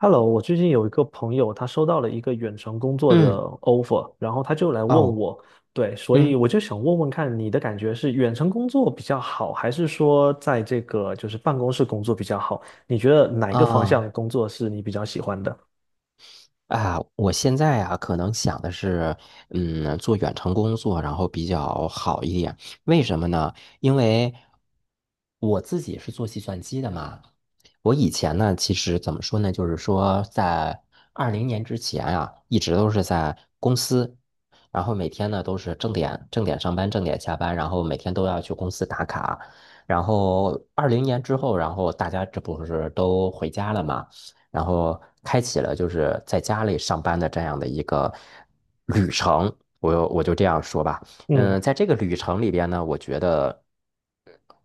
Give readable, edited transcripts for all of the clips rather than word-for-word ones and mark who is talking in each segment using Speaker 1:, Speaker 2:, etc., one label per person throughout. Speaker 1: Hello，我最近有一个朋友，他收到了一个远程工作的
Speaker 2: 嗯，
Speaker 1: offer，然后他就来问
Speaker 2: 哦，
Speaker 1: 我，对，所以
Speaker 2: 嗯
Speaker 1: 我就想问问看，你的感觉是远程工作比较好，还是说在这个就是办公室工作比较好？你觉得哪一个方向
Speaker 2: 啊
Speaker 1: 的工作是你比较喜欢的？
Speaker 2: 我现在啊，可能想的是，做远程工作，然后比较好一点。为什么呢？因为我自己是做计算机的嘛，我以前呢，其实怎么说呢，就是说在二零年之前啊，一直都是在公司，然后每天呢都是正点上班，正点下班，然后每天都要去公司打卡。然后二零年之后，然后大家这不是都回家了嘛，然后开启了就是在家里上班的这样的一个旅程，我就这样说吧。
Speaker 1: 嗯。
Speaker 2: 嗯，在这个旅程里边呢，我觉得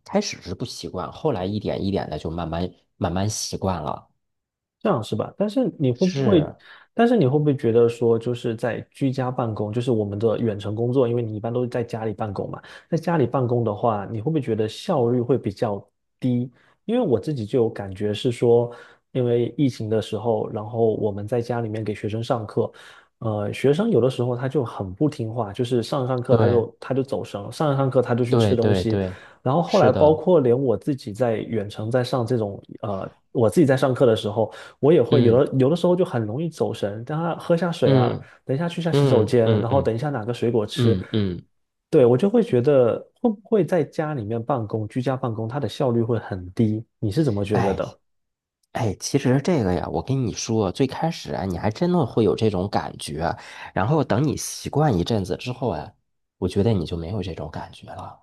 Speaker 2: 开始是不习惯，后来一点一点的就慢慢习惯了。
Speaker 1: 这样是吧？
Speaker 2: 是，
Speaker 1: 但是你会不会觉得说，就是在居家办公，就是我们的远程工作，因为你一般都是在家里办公嘛，在家里办公的话，你会不会觉得效率会比较低？因为我自己就有感觉是说，因为疫情的时候，然后我们在家里面给学生上课，学生有的时候他就很不听话，就是上课他
Speaker 2: 对
Speaker 1: 就走神，上课他就去吃
Speaker 2: 对
Speaker 1: 东
Speaker 2: 对
Speaker 1: 西，
Speaker 2: 对，
Speaker 1: 然后后来
Speaker 2: 是
Speaker 1: 包
Speaker 2: 的，
Speaker 1: 括连我自己在远程在上这种我自己在上课的时候。我也会有
Speaker 2: 嗯
Speaker 1: 的，有的时候就很容易走神。等下喝下水啊，
Speaker 2: 嗯
Speaker 1: 等一下去下洗手
Speaker 2: 嗯
Speaker 1: 间，
Speaker 2: 嗯
Speaker 1: 然后
Speaker 2: 嗯
Speaker 1: 等一下拿个水果吃。
Speaker 2: 嗯嗯，
Speaker 1: 对，我就会觉得会不会在家里面办公，居家办公，它的效率会很低？你是怎么觉得
Speaker 2: 哎
Speaker 1: 的？
Speaker 2: 哎，其实这个呀，我跟你说，最开始啊，你还真的会有这种感觉啊，然后等你习惯一阵子之后啊，我觉得你就没有这种感觉了。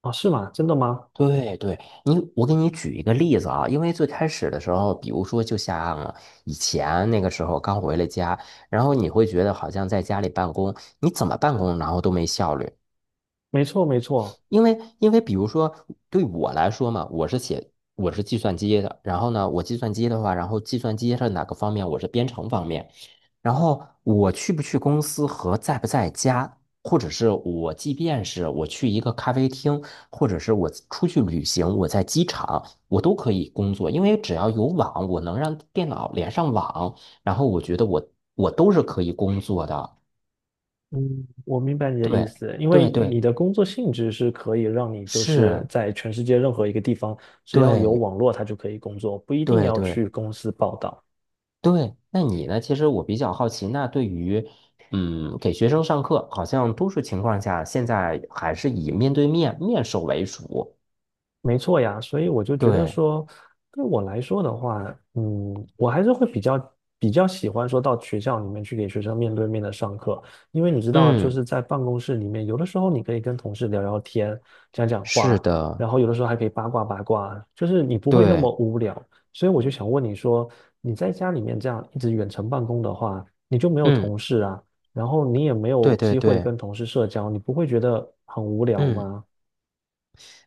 Speaker 1: 啊，是吗？真的吗？
Speaker 2: 对对，我给你举一个例子啊，因为最开始的时候，比如说就像以前那个时候刚回了家，然后你会觉得好像在家里办公，你怎么办公然后都没效率，
Speaker 1: 没错，没错。
Speaker 2: 因为比如说对我来说嘛，我是计算机的，然后呢，我计算机的话，然后计算机是哪个方面？我是编程方面，然后我去不去公司和在不在家，或者是即便是我去一个咖啡厅，或者是我出去旅行，我在机场，我都可以工作，因为只要有网，我能让电脑连上网，然后我觉得我都是可以工作的。
Speaker 1: 嗯，我明白你的意
Speaker 2: 对
Speaker 1: 思，因为
Speaker 2: 对对，
Speaker 1: 你的工作性质是可以让你就是
Speaker 2: 是，
Speaker 1: 在全世界任何一个地方，只要有
Speaker 2: 对
Speaker 1: 网络，它就可以工作，不一定
Speaker 2: 对
Speaker 1: 要
Speaker 2: 对。
Speaker 1: 去公司报道。
Speaker 2: 对，那你呢？其实我比较好奇，那对于，给学生上课，好像多数情况下现在还是以面对面面授为主。
Speaker 1: 没错呀，所以我就觉得
Speaker 2: 对，
Speaker 1: 说，对我来说的话，嗯，我还是会比较喜欢说到学校里面去给学生面对面的上课，因为你知道，就
Speaker 2: 嗯，
Speaker 1: 是在办公室里面，有的时候你可以跟同事聊聊天、讲讲
Speaker 2: 是
Speaker 1: 话，
Speaker 2: 的，
Speaker 1: 然后有的时候还可以八卦八卦，就是你不会那么
Speaker 2: 对，
Speaker 1: 无聊。所以我就想问你说，你在家里面这样一直远程办公的话，你就没有
Speaker 2: 嗯，
Speaker 1: 同事啊，然后你也没有
Speaker 2: 对对
Speaker 1: 机会
Speaker 2: 对，
Speaker 1: 跟同事社交，你不会觉得很无聊
Speaker 2: 嗯，
Speaker 1: 吗？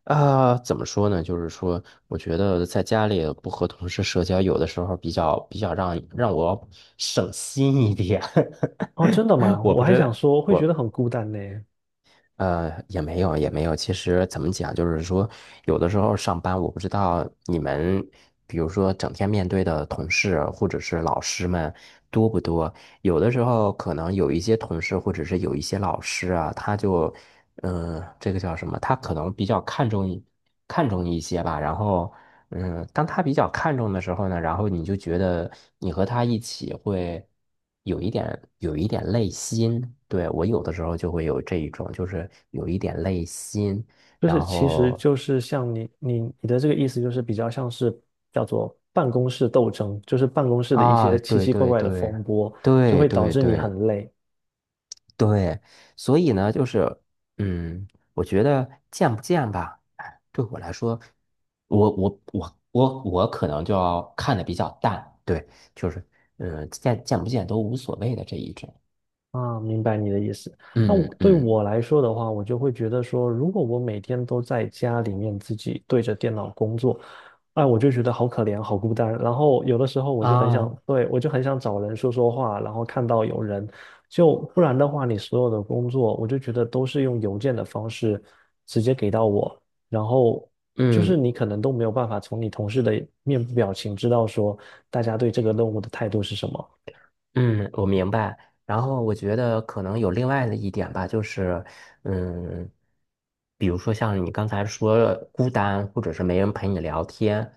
Speaker 2: 啊、怎么说呢？就是说，我觉得在家里不和同事社交，有的时候比较让我省心一点。
Speaker 1: 哦，真的吗？
Speaker 2: 我
Speaker 1: 我
Speaker 2: 不
Speaker 1: 还
Speaker 2: 知道，
Speaker 1: 想说，会觉得
Speaker 2: 我
Speaker 1: 很孤单呢。
Speaker 2: 呃，也没有，也没有。其实怎么讲，就是说，有的时候上班，我不知道你们，比如说整天面对的同事或者是老师们多不多？有的时候可能有一些同事或者是有一些老师啊，他就，嗯、这个叫什么？他可能比较看重一些吧。然后，当他比较看重的时候呢，然后你就觉得你和他一起会。有一点有一点累心，对，我有的时候就会有这一种，就是有一点累心，
Speaker 1: 就是
Speaker 2: 然
Speaker 1: 其实
Speaker 2: 后
Speaker 1: 就是像你的这个意思，就是比较像是叫做办公室斗争，就是办公室的一
Speaker 2: 啊，
Speaker 1: 些奇
Speaker 2: 对
Speaker 1: 奇怪
Speaker 2: 对
Speaker 1: 怪的
Speaker 2: 对
Speaker 1: 风波，就
Speaker 2: 对
Speaker 1: 会导
Speaker 2: 对
Speaker 1: 致你
Speaker 2: 对
Speaker 1: 很累。
Speaker 2: 对，所以呢，就是嗯，我觉得见不见吧，哎对我来说，我可能就要看的比较淡，对，就是见不见都无所谓的这一种，
Speaker 1: 啊，明白你的意思。那
Speaker 2: 嗯嗯
Speaker 1: 我来说的话，我就会觉得说，如果我每天都在家里面自己对着电脑工作，哎，我就觉得好可怜，好孤单。然后有的时候我就很
Speaker 2: 啊，
Speaker 1: 想，对，我就很想找人说说话，然后看到有人，就不然的话，你所有的工作，我就觉得都是用邮件的方式直接给到我，然后就是
Speaker 2: 嗯。
Speaker 1: 你可能都没有办法从你同事的面部表情知道说大家对这个任务的态度是什么。
Speaker 2: 嗯，我明白。然后我觉得可能有另外的一点吧，就是，嗯，比如说像你刚才说孤单，或者是没人陪你聊天，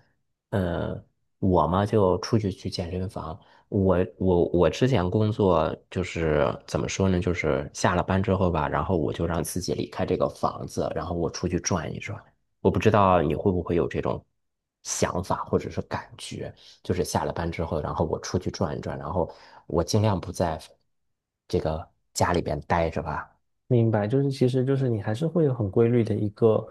Speaker 2: 呃，我嘛就出去去健身房。我之前工作就是怎么说呢，就是下了班之后吧，然后我就让自己离开这个房子，然后我出去转一转。我不知道你会不会有这种想法或者是感觉。就是下了班之后，然后我出去转一转，然后我尽量不在这个家里边待着吧。
Speaker 1: 明白，就是其实就是你还是会有很规律的一个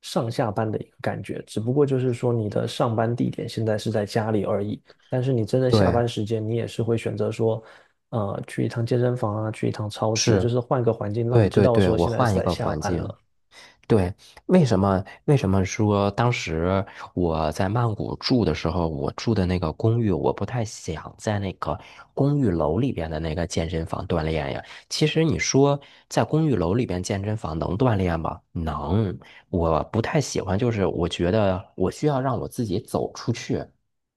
Speaker 1: 上下班的一个感觉，只不过就是说你的上班地点现在是在家里而已，但是你真的下
Speaker 2: 对，
Speaker 1: 班时间，你也是会选择说，去一趟健身房啊，去一趟超市，就
Speaker 2: 是，
Speaker 1: 是换个环境，让你
Speaker 2: 对
Speaker 1: 知
Speaker 2: 对
Speaker 1: 道
Speaker 2: 对，
Speaker 1: 说
Speaker 2: 我
Speaker 1: 现在是
Speaker 2: 换一
Speaker 1: 在
Speaker 2: 个
Speaker 1: 下
Speaker 2: 环
Speaker 1: 班
Speaker 2: 境。
Speaker 1: 了。
Speaker 2: 对，为什么说当时我在曼谷住的时候，我住的那个公寓，我不太想在那个公寓楼里边的那个健身房锻炼呀？其实你说在公寓楼里边健身房能锻炼吗？能，我不太喜欢，就是我觉得我需要让我自己走出去。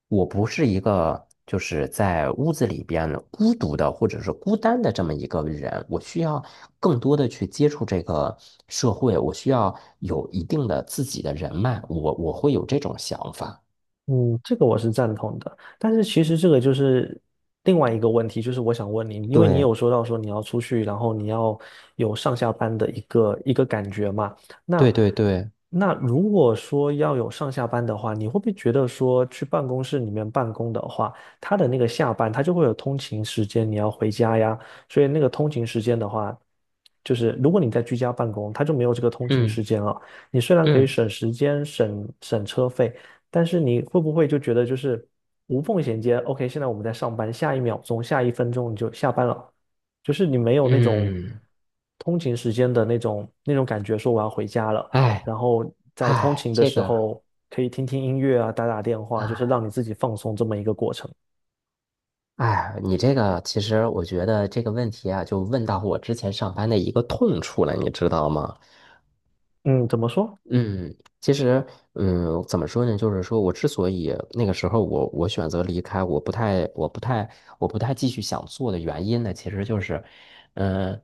Speaker 2: 我不是一个就是在屋子里边孤独的或者是孤单的这么一个人，我需要更多的去接触这个社会，我需要有一定的自己的人脉，我会有这种想法。
Speaker 1: 嗯，这个我是赞同的，但是其实这个就是另外一个问题，就是我想问你，因为你
Speaker 2: 对，
Speaker 1: 有说到说你要出去，然后你要有上下班的一个感觉嘛，那
Speaker 2: 对对对，
Speaker 1: 那如果说要有上下班的话，你会不会觉得说去办公室里面办公的话，他的那个下班他就会有通勤时间，你要回家呀，所以那个通勤时间的话，就是如果你在居家办公，他就没有这个通勤时
Speaker 2: 嗯
Speaker 1: 间了，你虽然可以
Speaker 2: 嗯
Speaker 1: 省时间、省车费。但是你会不会就觉得就是无缝衔接？OK，现在我们在上班，下一秒钟、下一分钟你就下班了，就是你没有那种
Speaker 2: 嗯，
Speaker 1: 通勤时间的那种感觉，说我要回家了。
Speaker 2: 哎
Speaker 1: 然后在通
Speaker 2: 哎，
Speaker 1: 勤的
Speaker 2: 这
Speaker 1: 时
Speaker 2: 个
Speaker 1: 候可以听听音乐啊，打打电话，就是
Speaker 2: 啊。
Speaker 1: 让你自己放松这么一个过程。
Speaker 2: 哎，你这个其实我觉得这个问题啊，就问到我之前上班的一个痛处了，你知道吗？
Speaker 1: 嗯，怎么说？
Speaker 2: 嗯，其实，怎么说呢？就是说我之所以那个时候我选择离开，我不太继续想做的原因呢，其实就是，呃，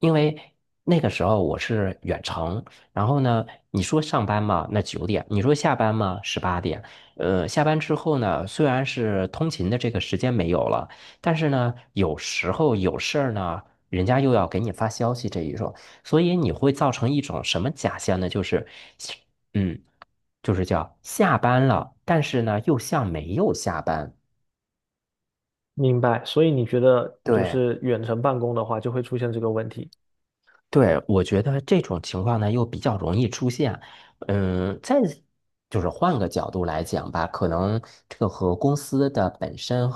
Speaker 2: 因为那个时候我是远程，然后呢，你说上班嘛，那9点；你说下班嘛，18点。下班之后呢，虽然是通勤的这个时间没有了，但是呢，有时候有事儿呢，人家又要给你发消息这一种。所以你会造成一种什么假象呢？就是，嗯，就是叫下班了，但是呢又像没有下班。
Speaker 1: 明白。所以你觉得就
Speaker 2: 对，
Speaker 1: 是远程办公的话，就会出现这个问题。
Speaker 2: 对，我觉得这种情况呢又比较容易出现。再就是换个角度来讲吧，可能这个和公司的本身，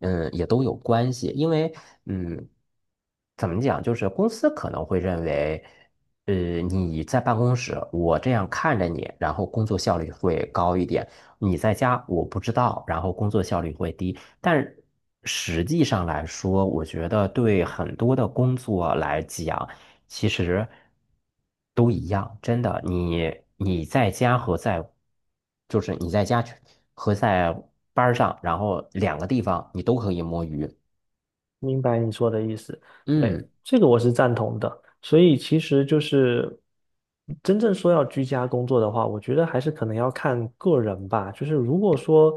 Speaker 2: 也都有关系。因为，嗯，怎么讲，就是公司可能会认为，呃，你在办公室，我这样看着你，然后工作效率会高一点；你在家，我不知道，然后工作效率会低。但实际上来说，我觉得对很多的工作来讲，其实都一样，真的。你在家和在，就是你在家去和在班儿上，然后两个地方你都可以摸鱼。
Speaker 1: 明白你说的意思，对，
Speaker 2: 嗯，
Speaker 1: 这个我是赞同的。所以其实就是真正说要居家工作的话，我觉得还是可能要看个人吧。就是如果说，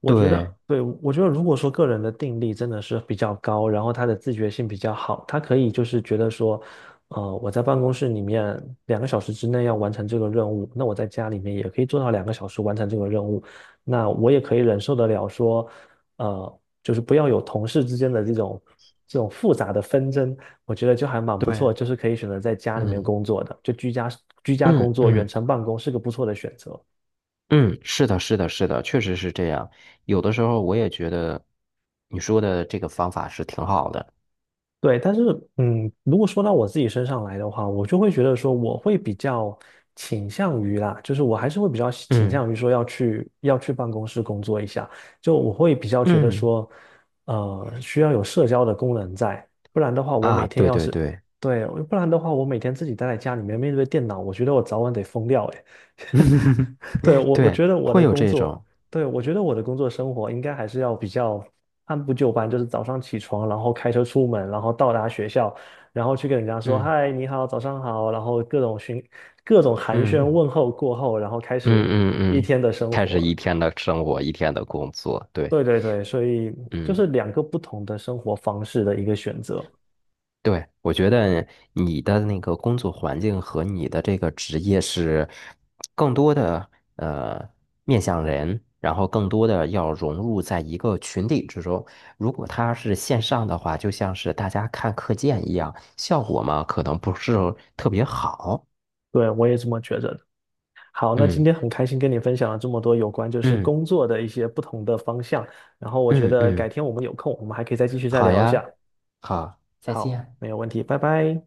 Speaker 1: 我觉得，
Speaker 2: 对
Speaker 1: 对，我觉得如果说个人的定力真的是比较高，然后他的自觉性比较好，他可以就是觉得说，我在办公室里面两个小时之内要完成这个任务，那我在家里面也可以做到两个小时完成这个任务，那我也可以忍受得了说。就是不要有同事之间的这种复杂的纷争，我觉得就还蛮不
Speaker 2: 对，
Speaker 1: 错，就是可以选择在家里面
Speaker 2: 嗯
Speaker 1: 工作的，就居家工
Speaker 2: 嗯
Speaker 1: 作、远
Speaker 2: 嗯
Speaker 1: 程办公是个不错的选择。
Speaker 2: 嗯，是的，是的，是的，确实是这样。有的时候我也觉得你说的这个方法是挺好的。
Speaker 1: 对，但是嗯，如果说到我自己身上来的话，我就会觉得说，我会比较倾向于啦，就是我还是会比较倾
Speaker 2: 嗯
Speaker 1: 向于说要去办公室工作一下，就我会比较觉得
Speaker 2: 嗯
Speaker 1: 说，需要有社交的功能在，不然的话，我每
Speaker 2: 啊，
Speaker 1: 天
Speaker 2: 对
Speaker 1: 要
Speaker 2: 对
Speaker 1: 是
Speaker 2: 对，
Speaker 1: 对，不然的话，我每天自己待在家里面面对电脑，我觉得我早晚得疯掉。对，我
Speaker 2: 对，
Speaker 1: 觉得我
Speaker 2: 会
Speaker 1: 的
Speaker 2: 有
Speaker 1: 工
Speaker 2: 这
Speaker 1: 作，
Speaker 2: 种。
Speaker 1: 对，我觉得我的工作生活应该还是要比较按部就班，就是早上起床，然后开车出门，然后到达学校，然后去跟人家说
Speaker 2: 嗯
Speaker 1: 嗨，你好，早上好，然后各种寒暄
Speaker 2: 嗯。
Speaker 1: 问候过后，然后开
Speaker 2: 嗯
Speaker 1: 始
Speaker 2: 嗯
Speaker 1: 一
Speaker 2: 嗯，
Speaker 1: 天的生
Speaker 2: 开始
Speaker 1: 活。
Speaker 2: 一天的生活，一天的工作，对，
Speaker 1: 对对对，所以就
Speaker 2: 嗯，
Speaker 1: 是两个不同的生活方式的一个选择。
Speaker 2: 对，我觉得你的那个工作环境和你的这个职业是更多的呃面向人，然后更多的要融入在一个群体之中。如果它是线上的话，就像是大家看课件一样，效果嘛可能不是特别好。
Speaker 1: 对，我也这么觉着。好，那今
Speaker 2: 嗯
Speaker 1: 天很开心跟你分享了这么多有关就是
Speaker 2: 嗯
Speaker 1: 工作的一些不同的方向，然后我觉
Speaker 2: 嗯
Speaker 1: 得改
Speaker 2: 嗯，
Speaker 1: 天我们有空，我们还可以再继续
Speaker 2: 好
Speaker 1: 聊一
Speaker 2: 呀，
Speaker 1: 下。
Speaker 2: 好，再
Speaker 1: 好，
Speaker 2: 见。
Speaker 1: 没有问题，拜拜。